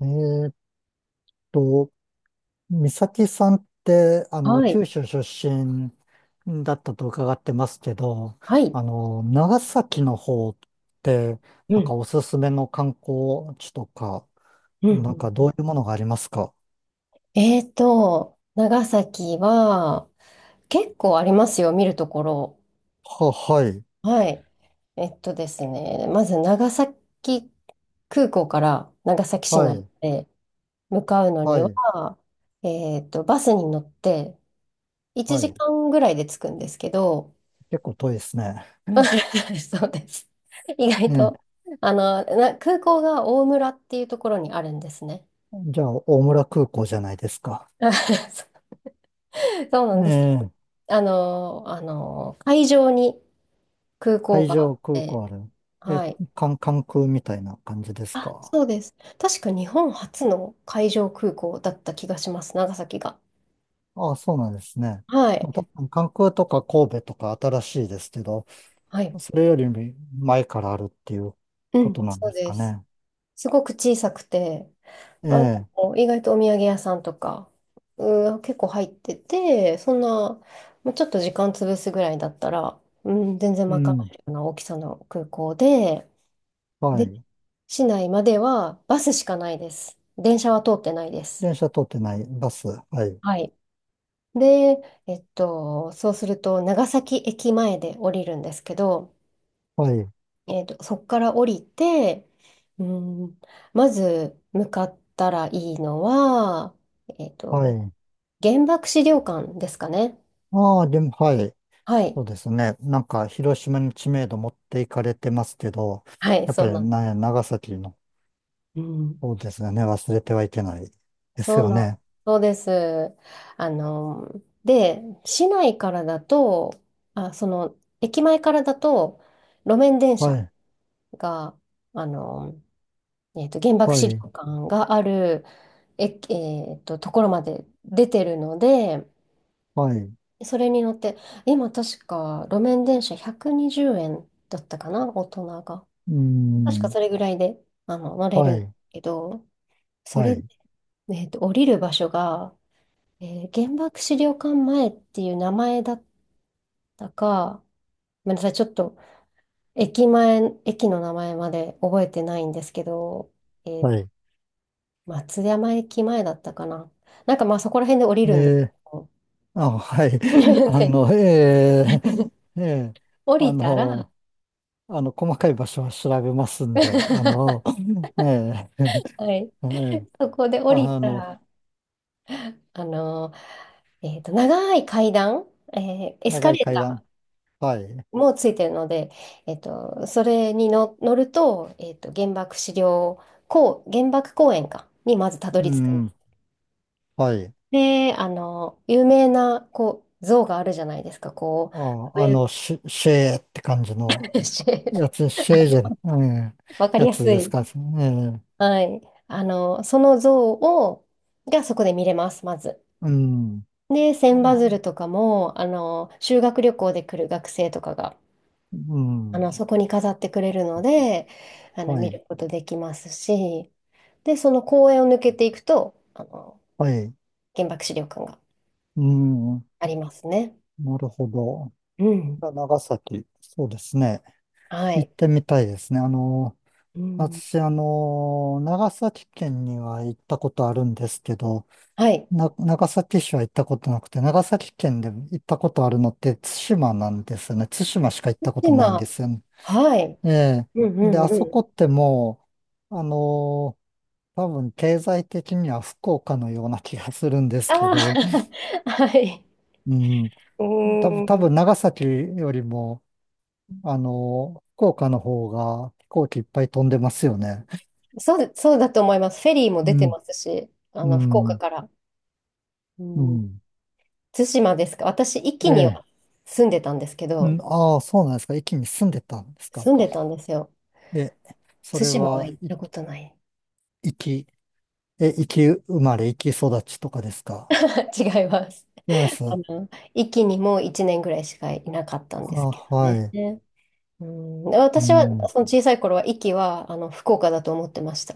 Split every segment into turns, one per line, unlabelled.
えーっと、美咲さんって、
はい。
九州出身だったと伺ってますけど、
はい。
長崎の方って、
う
なん
ん、
かおすすめの観光地とか、
うん、う
なんかどう
ん。
いうものがありますか？
長崎は結構ありますよ、見るところ。
はい、
はい。えっとですね、まず長崎空港から長崎市
は
内
い、
へ向かうの
は
に
い、
は、バスに乗って1
はい。
時間ぐらいで着くんですけど。
結構遠いですね。
そうです。意外
ね、
と、な空港が大村っていうところにあるんですね。
じゃあ、大村空港じゃないですか。
そうなん
え
ですよ。
え、
会場に空港
海
があ
上
っ
空
て。
港ある。え、
はい。
関空みたいな感じです
あ、
か？
そうです。確か日本初の海上空港だった気がします、長崎が。
ああ、そうなんですね。
はい。
まあ、多分関空とか神戸とか新しいですけど、
はい。
それより前からあるっていう
う
こ
ん、
となん
そう
です
で
か
す。
ね。
すごく小さくて、
え
あ
え、
意外とお土産屋さんとか、うん、結構入ってて、そんな、まあちょっと時間潰すぐらいだったら、うん、全然
う
賄
ん、
えるような大きさの空港で、
は
で、
い。
市内まではバスしかないです。電車は通ってないです。
電車通ってない、バス、はい、
はい。で、そうすると、長崎駅前で降りるんですけど、
はい、
そこから降りて、うん、まず向かったらいいのは、えっ
は
と、
い。
原爆資料館ですかね。
ああ、でも、はい、
は
そ
い。
うですね。なんか、広島に知名度持っていかれてますけど、
はい、
やっ
そ
ぱ
う
り、
なん。
ね、長崎の
うん。
方ですよね。忘れてはいけないです
そう
よ
なん。
ね。
そうです。あの、で、市内からだと、あ、その、駅前からだと、路面電
は
車
い、
が、あの、原爆
は
資料
い、
館がある、ところまで出てるので、
はい、
それに乗って、今確か路面電車120円だったかな、大人が。
う
確か
ん、
それぐらいで、乗れ
は
るんだ
い、
けど、そ
は
れで、
い、
降りる場所が、原爆資料館前っていう名前だったか、ごめんなさい、ちょっと駅前、駅の名前まで覚えてないんですけど、えっ
はい。
松山駅前だったかな。なんかまあそこら辺で降りるんですけ
えー
ど。
あ、はい。
で、
ええええ
降
あ
りたら
の、細かい場所は調べますんで、
は
ええ
い。
ええ
そこで降り
あ
た
の、
ら、あの長い階段、えエス
長
カ
い
レー
階段。
タ
はい。
ーもついてるので、それにの乗ると、原爆公園か、にまずたど
う
り着くんです。
ん、はい。
で、あの有名な、こう、像があるじゃないですか、こ
あ、
う、上
シェーって感じの やつ、シェージェン、ええ
わかり
や
や
つ
す
です
い
か？ええ、
はい。その像を、がそこで見れます、まず。
うん、
で、千羽鶴とかも、修学旅行で来る学生とかが、
うん、
そこに飾ってくれるので、
は
見
い、
ることできますし、で、その公園を抜けていくと、
はい。
原爆資料館が
うん、
ありますね。
なるほど。
うん。
長崎、そうですね。
は
行っ
い。
てみたいですね。
うん。
私、長崎県には行ったことあるんですけど、
はい。
長崎市は行ったことなくて、長崎県で行ったことあるのって対馬なんですよね。対馬しか行ったことないんで
今、
すよね。
はい。
ええ。
うんう
で、
ん
あ
う
そこ
ん。
ってもう、多分経済的には福岡のような気がするんですけ
あ
ど、
あ、はい。
うん、
う
多分、
ー
多
ん。
分長崎よりも、福岡の方が飛行機いっぱい飛んでますよね。
そうそうだと思います。フェリーも
う
出て
ん
ますし、
う
福岡
ん、
から。う
う
ん、
ん。
対馬ですか。私、壱岐
え
には
え。
住んでたんですけ
う
ど、
ん、ああ、そうなんですか？駅に住んでたんですか？
住んでたんですよ。
え、そ
対
れ
馬は
は、
行っ
い、
たことない。
生き、え、生生まれ、生き育ちとかですか？
違います。
違います。
あ
あ、
の、壱岐にも1年ぐらいしかいなかったんですけど
は
ね。
い。
ねうん、
う
私は、
ん。
その小さい頃は、壱岐は、福岡だと思ってました。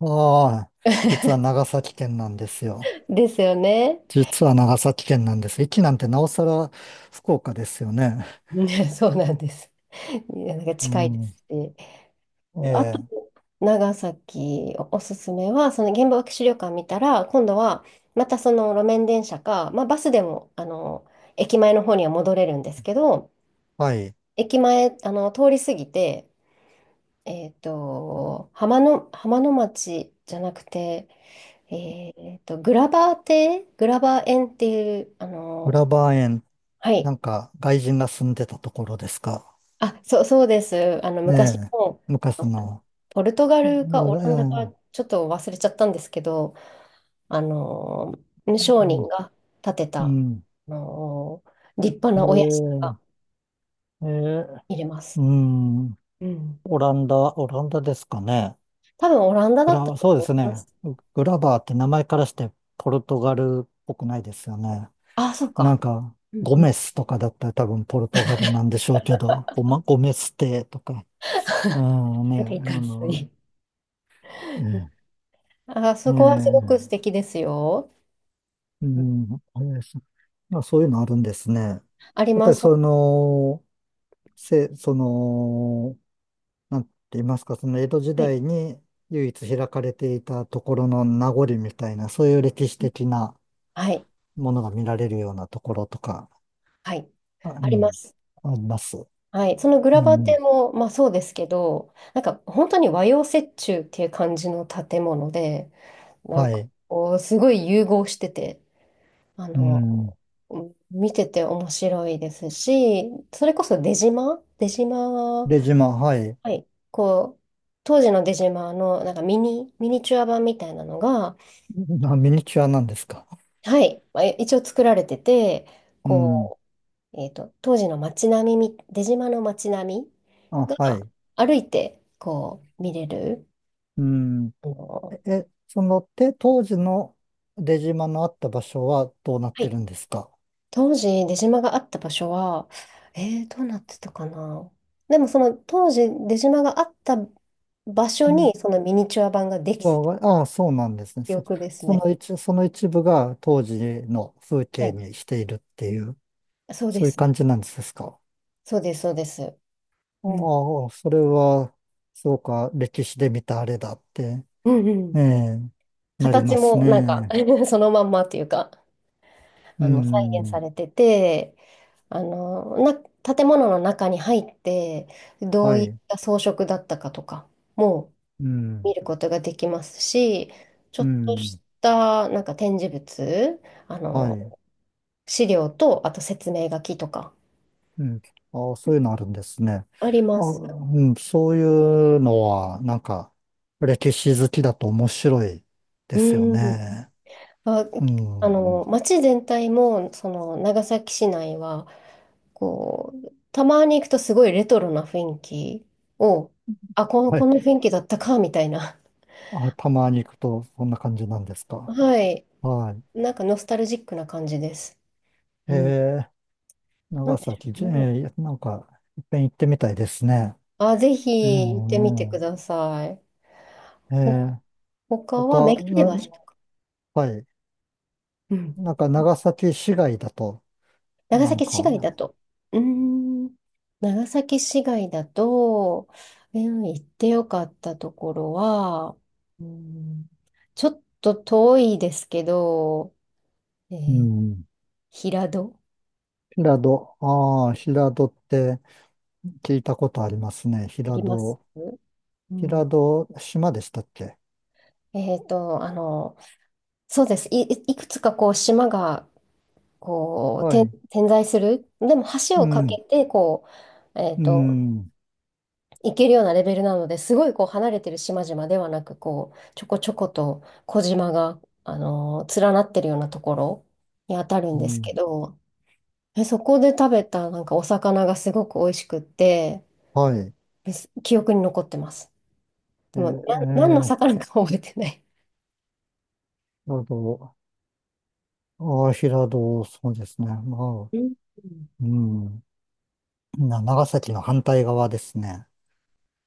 ああ、実は長崎県なんですよ。
ですよね。
実は長崎県なんです。駅なんてなおさら福岡ですよね。
ね そうなんです。いやなんか
う
近いで
ん。
すし。
え
あと
え、
長崎おすすめは、その原爆資料館見たら、今度はまたその路面電車か、まあ、バスでも、駅前の方には戻れるんですけど、
はい。
駅前、通り過ぎて、浜の町じゃなくて、グラバー園っていう、
浦和園、
は
な
い、
んか外人が住んでたところですか？
あ、そう、そうです。あの
え
昔
え、
の
昔の。
ポルトガ
う
ルかオランダか
ん
ちょっと忘れちゃったんですけど、あの、商
う
人
ん。
が建て
う
た、
ん、
の、立派なお屋敷
え
が
ー、えー、
見れま
う
す。
ん。
うん。
オランダ、オランダですかね。
多分オランダだったと
そうで
思い
す
ま
ね。
す。
グラバーって名前からしてポルトガルっぽくないですよね。
あ、そう
な
か。
んか、
うん
ゴ
うん
メスとかだったら多分ポルトガルなんでしょうけど、ゴメステとか、うん
な
ね、
んかいい感じに。
ええ
あ、そこはすごく素敵ですよ。
う
うん
ん、ええ、そういうのあるんですね。や
あり
っぱ
ま
り
す。
その、せ、その、なんて言いますか、その江戸時
はい。
代に唯一開かれていたところの名残みたいな、そういう歴史的な
はい。
ものが見られるようなところとか、
はい。
あう
ありま
ん、
す。
あります。
はい。そのグ
う
ラバ
ん、
テも、まあそうですけど、なんか本当に和洋折衷っていう感じの建物で、な
は
んか
い。
こう、すごい融合してて、あ
う
の、
ん。
見てて面白いですし、それこそ出島は、
で、はい。
はい、こう、当時の出島のなんかミニチュア版みたいなのが、
あ、ミニチュアなんですか？
はい、まあ一応作られてて、
うん。
こう、当時の街並みみ、出島の街並み
あ、は
が
い。
歩いてこう見れる、
うん。
あの、
え、当時の出島のあった場所はどうなっ
は
て
い。
るんですか？
当時、出島があった場所は、どうなってたかな。でも、その当時、出島があった場所に、そのミニチュア版ができた
わああ、そうなんですね。
記
そ、
憶です
そ
ね。
の一、その一部が当時の風
は
景
い。
にしているっていう、
そうで
そういう
す。
感じなんですか？
そうです、そうです。うん。
ああ、それは、そうか、歴史で見たあれだって、
うんう
え
ん。
え、なり
形
ます
も、なんか
ね。
そのまんまというか、
う
再現さ
ん、
れてて、あの、な、建物の中に入って、どう
は
いっ
い、
た装飾だったかとか、も
うん、
見ることができますし、ちょ
う
っと
ん、
したなんか展示物、あ
は
の、
い、
資料と、あと説明書きとか
うん。ああ、そういうのあるんですね。
あり
あ、
ます。
うん、そういうのは、なんか、歴史好きだと面白いですよ
うん。
ね。
あ、
うん。
街全体も、その、長崎市内は、こう、たまに行くとすごいレトロな雰囲気を、あ、
は
こ
い
の雰囲気だったか、みたいな。
あ、たまに行くと、そんな感じなんです か？
はい。
は
なんかノスタルジックな感じです。
い。
うん。なん
長
でしょ
崎、じえ
うね。
ー、なんか、いっぺん行ってみたいですね。
あ、ぜ
う
ひ行ってみて
ん、
く
う
ださい。
ん。
他はメ
他、
ガネ橋とか。
はい。
うん。
なんか、長崎市外だと、
長
なん
崎市街だ
か、
と。うーん。長崎市街だと、うん、行ってよかったところは、うん、ちょっと遠いですけど、え
う
ー
ん。
平戸
平戸、ああ、平戸って聞いたことありますね。
あ
平
ります。
戸、
うん。
平戸、島でしたっけ？
えっと、あの、そうです。いくつかこう島がこう
はい。
点在する。でも橋
う
を架
ん、
けてこう、
うん、
行けるようなレベルなのですごいこう離れてる島々ではなくこうちょこちょこと小島が、連なってるようなところにあたるん
う
ですけ
ん。
ど、そこで食べたなんかお魚がすごく美味しくって
はい。
です。記憶に残ってます。
えー、
でもな何の
えー、
魚か覚えてない。
なるほど。ああ、平戸、そうですね。まあ、
うん。
うん。長崎の反対側ですね。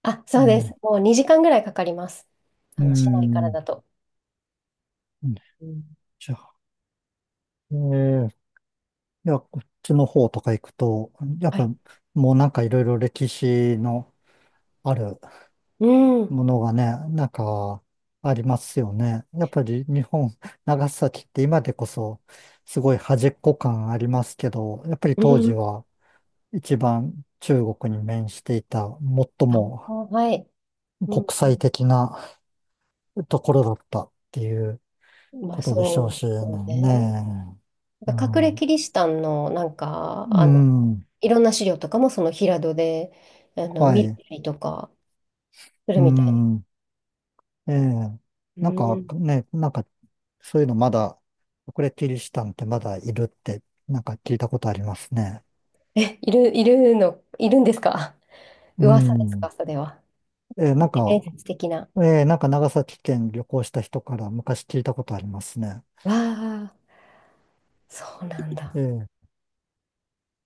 あ、
え
そうです。
え、
もう2時間ぐらいかかります。あ
う
の市内から
ん。
だと。うん。
じゃあ、ええ、いや、こっちの方とか行くと、やっ
は
ぱ、
い。
もうなんかいろいろ歴史のある
うん。
ものがね、なんか、ありますよね。やっぱり日本、長崎って今でこそ、すごい端っこ感ありますけど、やっぱり
う
当時
ん。
は一番中国に面していた、最
あ、
も
はい。うん、
国際的なところだったっていう
まあ
ことでし
そ
ょ
う
う
で
し
すよ
ね。
ね。な
う
んか隠れ
ん。
キリシタンのなんか、
うん。
いろんな資料とかもその平戸で、
は
見
い。
たりとかする
う
みたい。
ん。ええ。
う
なんか
ん。
ね、なんか、そういうのまだ、これキリシタンってまだいるって、なんか聞いたことありますね。
で。いるんですか？
う
噂です
ん。
か、それは？
ええ、なん
伝
か、
説的な。
ええ、なんか長崎県旅行した人から昔聞いたことありますね。
わあ、そうなんだ。
ええ。